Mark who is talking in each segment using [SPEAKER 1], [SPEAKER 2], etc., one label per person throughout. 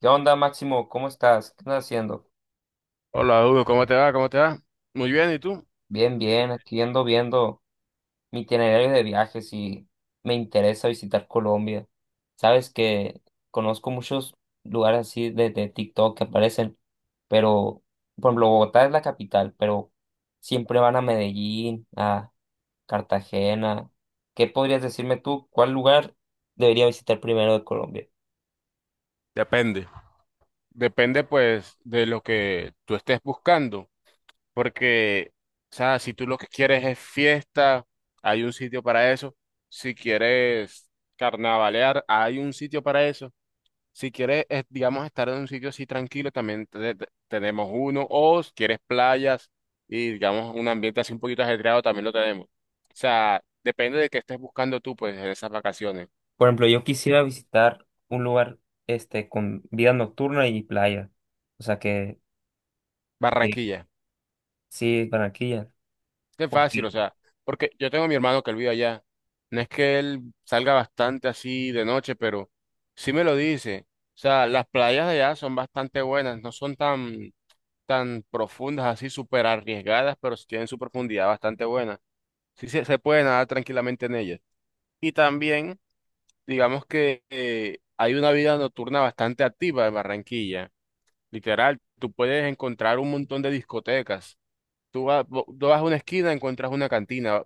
[SPEAKER 1] ¿Qué onda, Máximo? ¿Cómo estás? ¿Qué estás haciendo?
[SPEAKER 2] Hola, Hugo, ¿cómo te va? ¿Cómo te va? Muy bien, ¿y tú?
[SPEAKER 1] Bien, bien, aquí ando viendo mi itinerario de viajes y me interesa visitar Colombia. Sabes que conozco muchos lugares así de TikTok que aparecen, pero, por ejemplo, Bogotá es la capital, pero siempre van a Medellín, a Cartagena. ¿Qué podrías decirme tú? ¿Cuál lugar debería visitar primero de Colombia?
[SPEAKER 2] Depende. Depende, pues, de lo que tú estés buscando. Porque, o sea, si tú lo que quieres es fiesta, hay un sitio para eso. Si quieres carnavalear, hay un sitio para eso. Si quieres, digamos, estar en un sitio así tranquilo, también tenemos uno. O si quieres playas y, digamos, un ambiente así un poquito ajetreado, también lo tenemos. O sea, depende de qué estés buscando tú, pues, en esas vacaciones.
[SPEAKER 1] Por ejemplo, yo quisiera visitar un lugar este con vida nocturna y playa. O sea que
[SPEAKER 2] Barranquilla.
[SPEAKER 1] sí, Barranquilla.
[SPEAKER 2] Es que es fácil,
[SPEAKER 1] Porque
[SPEAKER 2] o sea, porque yo tengo a mi hermano que él vive allá. No es que él salga bastante así de noche, pero sí me lo dice. O sea, las playas de allá son bastante buenas, no son tan, tan profundas, así súper arriesgadas, pero sí tienen su profundidad bastante buena. Sí se puede nadar tranquilamente en ellas. Y también, digamos que hay una vida nocturna bastante activa en Barranquilla. Literal, tú puedes encontrar un montón de discotecas. Tú vas, tú vas a una esquina, encuentras una cantina,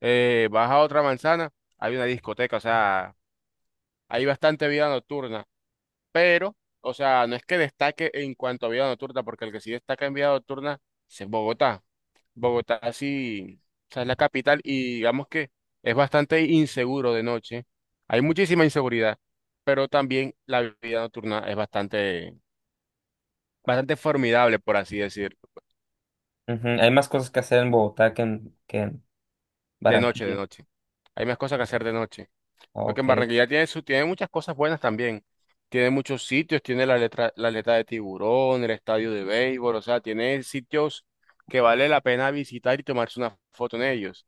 [SPEAKER 2] vas a otra manzana, hay una discoteca, o sea, hay bastante vida nocturna, pero, o sea, no es que destaque en cuanto a vida nocturna, porque el que sí destaca en vida nocturna es en Bogotá. Bogotá sí, o sea, es la capital y digamos que es bastante inseguro de noche. Hay muchísima inseguridad, pero también la vida nocturna es bastante, bastante formidable, por así decir,
[SPEAKER 1] ujú, hay más cosas que hacer en Bogotá que en
[SPEAKER 2] de noche, de
[SPEAKER 1] Barranquilla.
[SPEAKER 2] noche. Hay más cosas que hacer de noche.
[SPEAKER 1] Ah,
[SPEAKER 2] Porque en
[SPEAKER 1] ok.
[SPEAKER 2] Barranquilla tiene, su, tiene muchas cosas buenas también. Tiene muchos sitios, tiene la letra, la aleta de tiburón, el estadio de béisbol, o sea, tiene sitios que vale la pena visitar y tomarse una foto en ellos.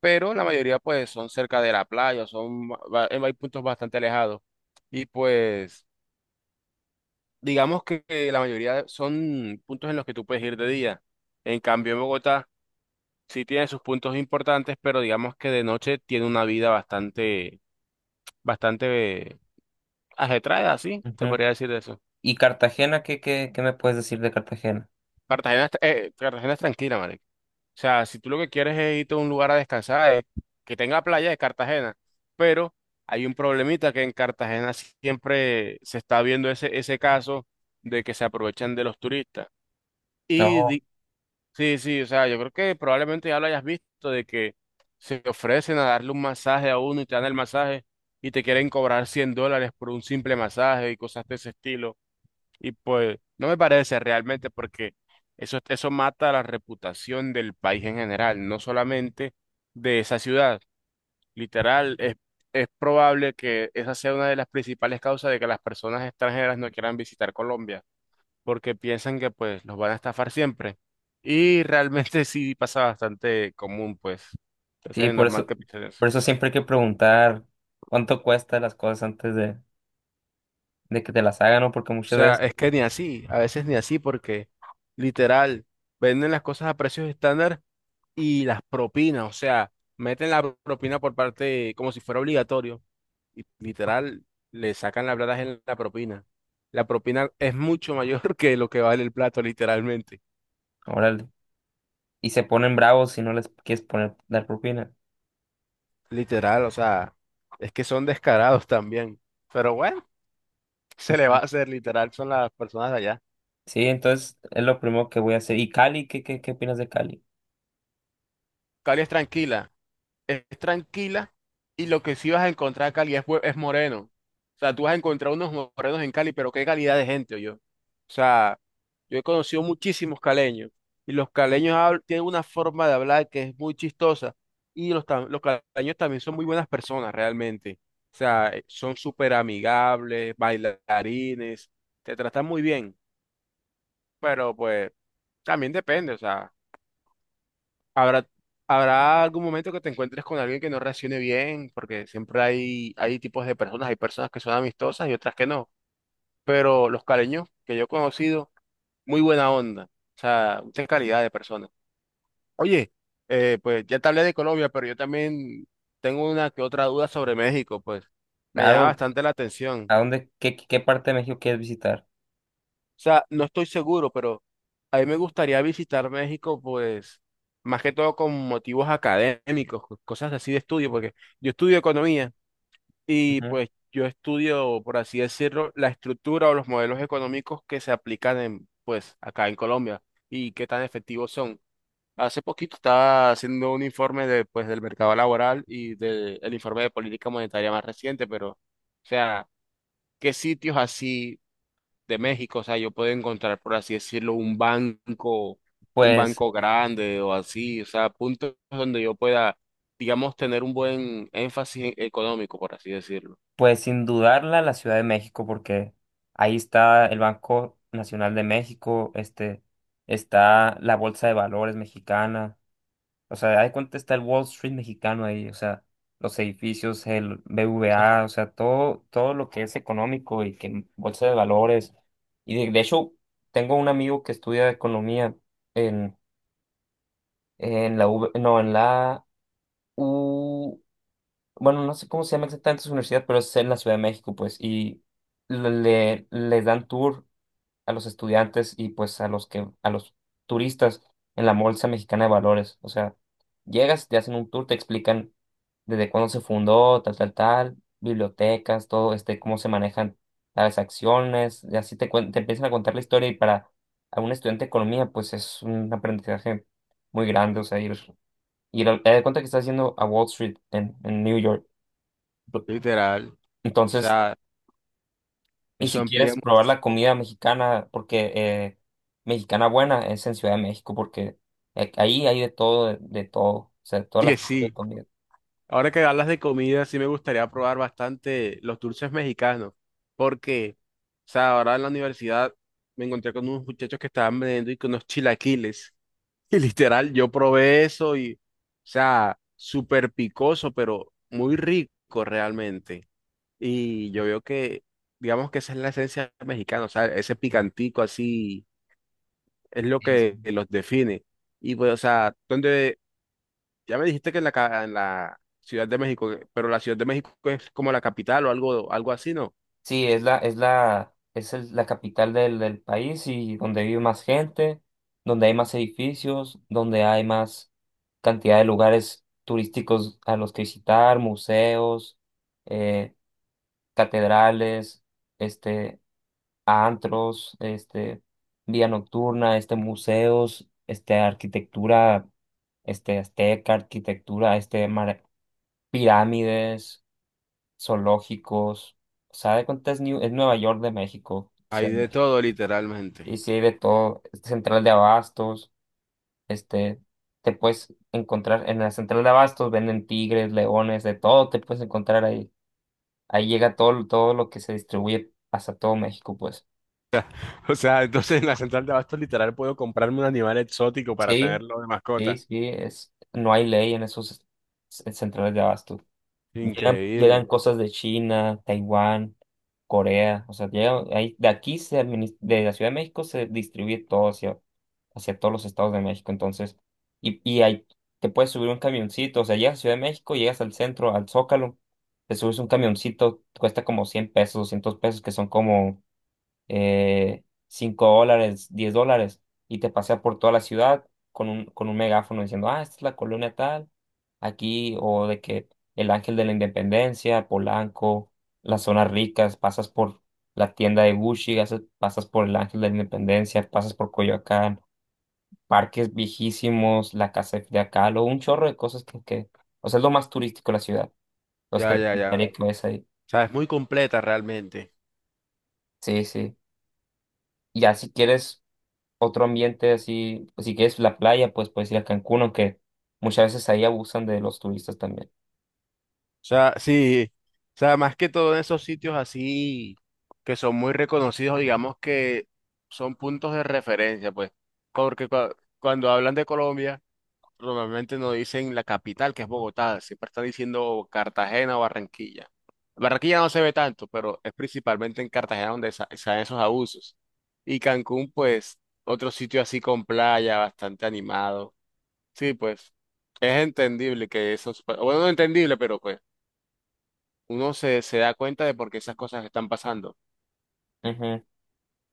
[SPEAKER 2] Pero la mayoría pues son cerca de la playa, son, hay puntos bastante alejados. Y pues digamos que la mayoría son puntos en los que tú puedes ir de día. En cambio, en Bogotá sí tiene sus puntos importantes, pero digamos que de noche tiene una vida bastante, bastante ajetreada, así, te
[SPEAKER 1] Ujú.
[SPEAKER 2] podría decir de eso.
[SPEAKER 1] ¿Y Cartagena? ¿Qué me puedes decir de Cartagena?
[SPEAKER 2] Cartagena, Cartagena es tranquila, marico. O sea, si tú lo que quieres es irte a un lugar a descansar, que tenga playa de Cartagena, pero hay un problemita que en Cartagena siempre se está viendo ese caso de que se aprovechan de los turistas. Y
[SPEAKER 1] Oh,
[SPEAKER 2] di- sí, sí, o sea, yo creo que probablemente ya lo hayas visto de que se ofrecen a darle un masaje a uno y te dan el masaje y te quieren cobrar $100 por un simple masaje y cosas de ese estilo. Y pues no me parece realmente porque eso mata la reputación del país en general, no solamente de esa ciudad. Literal, es probable que esa sea una de las principales causas de que las personas extranjeras no quieran visitar Colombia, porque piensan que pues los van a estafar siempre. Y realmente sí pasa bastante común, pues. Entonces
[SPEAKER 1] sí,
[SPEAKER 2] es normal que piensen eso.
[SPEAKER 1] por eso siempre hay que preguntar cuánto cuesta las cosas antes de que te las hagan, ¿no? Porque
[SPEAKER 2] O
[SPEAKER 1] muchas
[SPEAKER 2] sea,
[SPEAKER 1] veces,
[SPEAKER 2] es que ni así, a veces ni así porque literal, venden las cosas a precios estándar y las propinas, o sea, meten la propina por parte, como si fuera obligatorio, y literal, le sacan la plata en la propina. La propina es mucho mayor que lo que vale el plato, literalmente.
[SPEAKER 1] órale, y se ponen bravos si no les quieres poner, dar propina.
[SPEAKER 2] Literal, o sea, es que son descarados también. Pero bueno, se le va a hacer, literal, son las personas de allá.
[SPEAKER 1] Sí, entonces es lo primero que voy a hacer. ¿Y Cali? ¿Qué opinas de Cali?
[SPEAKER 2] Cali es tranquila y lo que sí vas a encontrar acá Cali es, es moreno. O sea, tú vas a encontrar unos morenos en Cali, pero qué calidad de gente, yo. O sea, yo he conocido muchísimos caleños y los caleños tienen una forma de hablar que es muy chistosa y los, los caleños también son muy buenas personas realmente. O sea, son súper amigables, bailarines, te tratan muy bien, pero pues también depende, o sea. Habrá, habrá algún momento que te encuentres con alguien que no reaccione bien, porque siempre hay, hay tipos de personas, hay personas que son amistosas y otras que no. Pero los caleños que yo he conocido, muy buena onda, o sea, mucha calidad de personas. Oye, pues ya te hablé de Colombia, pero yo también tengo una que otra duda sobre México, pues me llama
[SPEAKER 1] Claro,
[SPEAKER 2] bastante la atención.
[SPEAKER 1] ¿a dónde, qué, qué parte de México quieres visitar?
[SPEAKER 2] O sea, no estoy seguro, pero a mí me gustaría visitar México, pues, más que todo con motivos académicos, cosas así de estudio, porque yo estudio economía y
[SPEAKER 1] Ujú.
[SPEAKER 2] pues yo estudio, por así decirlo, la estructura o los modelos económicos que se aplican en, pues, acá en Colombia y qué tan efectivos son. Hace poquito estaba haciendo un informe de, pues, del mercado laboral y del informe de política monetaria más reciente, pero, o sea, ¿qué sitios así de México? O sea, yo puedo encontrar, por así decirlo, un
[SPEAKER 1] Pues,
[SPEAKER 2] banco grande o así, o sea, puntos donde yo pueda, digamos, tener un buen énfasis económico, por así decirlo.
[SPEAKER 1] pues sin dudarla la Ciudad de México, porque ahí está el Banco Nacional de México, este, está la Bolsa de Valores mexicana. O sea, ahí cuenta está el Wall Street mexicano ahí, o sea, los edificios, el BVA, o sea, todo, todo lo que es económico y que bolsa de valores. Y de hecho, tengo un amigo que estudia economía en, en la UV no, en la U, bueno, no sé cómo se llama exactamente su universidad, pero es en la Ciudad de México, pues, y les dan tour a los estudiantes y pues a los que, a los turistas en la Bolsa Mexicana de Valores. O sea, llegas, te hacen un tour, te explican desde cuándo se fundó, tal, tal, tal, bibliotecas, todo este, cómo se manejan las acciones, y así te, te empiezan a contar la historia y para a un estudiante de economía, pues es un aprendizaje muy grande, o sea, ir te das cuenta que estás yendo a Wall Street en New York.
[SPEAKER 2] Literal. O
[SPEAKER 1] Entonces,
[SPEAKER 2] sea,
[SPEAKER 1] y
[SPEAKER 2] eso
[SPEAKER 1] si
[SPEAKER 2] amplía
[SPEAKER 1] quieres probar la
[SPEAKER 2] muchísimo.
[SPEAKER 1] comida mexicana, porque mexicana buena es en Ciudad de México, porque ahí hay de todo, de todo, o sea, todas las
[SPEAKER 2] Y
[SPEAKER 1] tipos de
[SPEAKER 2] sí,
[SPEAKER 1] comida.
[SPEAKER 2] ahora que hablas de comida, sí me gustaría probar bastante los dulces mexicanos. Porque, o sea, ahora en la universidad me encontré con unos muchachos que estaban vendiendo y con unos chilaquiles. Y literal, yo probé eso y, o sea, súper picoso, pero muy rico realmente. Y yo veo que, digamos que esa es la esencia mexicana, o sea, ese picantico así es lo
[SPEAKER 1] Sí,
[SPEAKER 2] que
[SPEAKER 1] sí.
[SPEAKER 2] los define. Y pues, o sea, donde, ya me dijiste que en la, en la Ciudad de México, pero la Ciudad de México es como la capital o algo, algo así, ¿no?
[SPEAKER 1] Sí, es la, es la, es el- la capital del, del país y donde vive más gente, donde hay más edificios, donde hay más cantidad de lugares turísticos a los que visitar, museos, eh, catedrales, este, antros, este, vía nocturna, este, museos, este, arquitectura, este, azteca, arquitectura, pirámides, zoológicos, o sea, de cuenta es, es Nueva York de México, o
[SPEAKER 2] Hay
[SPEAKER 1] sea,
[SPEAKER 2] de todo, literalmente.
[SPEAKER 1] y sí hay de todo, este, central de abastos, este, te puedes encontrar, en la central de abastos venden tigres, leones, de todo, te puedes encontrar ahí, ahí llega todo, todo lo que se distribuye hasta todo México, pues,
[SPEAKER 2] O sea, entonces en la central de abastos literal puedo comprarme un animal exótico para
[SPEAKER 1] sí.
[SPEAKER 2] tenerlo de
[SPEAKER 1] Sí,
[SPEAKER 2] mascota.
[SPEAKER 1] sí, es, no hay ley en esos centrales de abasto. Llegan,
[SPEAKER 2] Increíble.
[SPEAKER 1] llegan cosas de China, Taiwán, Corea, o sea, llegan, de aquí, de la Ciudad de México se distribuye todo hacia, hacia todos los estados de México, entonces, y ahí te puedes subir un camioncito, o sea, llegas a Ciudad de México, llegas al centro, al Zócalo, te subes un camioncito, cuesta como 100 pesos, 200 pesos, que son como 5 dólares, 10 dólares, y te pasea por toda la ciudad con un megáfono diciendo, ah, esta es la colonia tal, aquí, o de que el Ángel de la Independencia, Polanco, las zonas ricas, pasas por la tienda de Gucci, pasas por el Ángel de la Independencia, pasas por Coyoacán, parques viejísimos, la casa de Frida Kahlo, un chorro de cosas o sea, es lo más turístico de la ciudad. Entonces te
[SPEAKER 2] Ya, ya, ya. O
[SPEAKER 1] recomendaría que vayas ahí.
[SPEAKER 2] sea, es muy completa realmente.
[SPEAKER 1] Sí, sí. Y ya si quieres otro ambiente así, pues, si quieres la playa, pues puedes ir a Cancún, aunque muchas veces ahí abusan de los turistas también.
[SPEAKER 2] O sea, sí. O sea, más que todo en esos sitios así que son muy reconocidos, digamos que son puntos de referencia, pues. Porque cuando hablan de Colombia, normalmente no dicen la capital, que es Bogotá, siempre están diciendo Cartagena o Barranquilla. Barranquilla no se ve tanto, pero es principalmente en Cartagena donde se dan esos abusos. Y Cancún, pues, otro sitio así con playa, bastante animado. Sí, pues es entendible que eso, es- bueno, no entendible, pero pues uno se da cuenta de por qué esas cosas están pasando.
[SPEAKER 1] Ujú.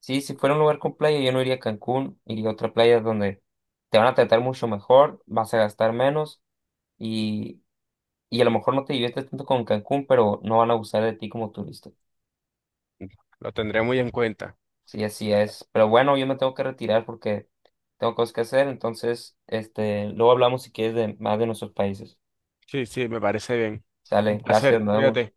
[SPEAKER 1] Sí, si fuera un lugar con playa, yo no iría a Cancún, iría a otra playa donde te van a tratar mucho mejor, vas a gastar menos y, y a lo mejor no te diviertes tanto con Cancún, pero no van a abusar de ti como turista.
[SPEAKER 2] Lo tendré muy en cuenta.
[SPEAKER 1] Sí, así es. Pero bueno, yo me tengo que retirar porque tengo cosas que hacer, entonces, este, luego hablamos si quieres de más de nuestros países.
[SPEAKER 2] Sí, sí, me parece bien. Un
[SPEAKER 1] Sale, gracias,
[SPEAKER 2] placer,
[SPEAKER 1] nos vemos.
[SPEAKER 2] cuídate.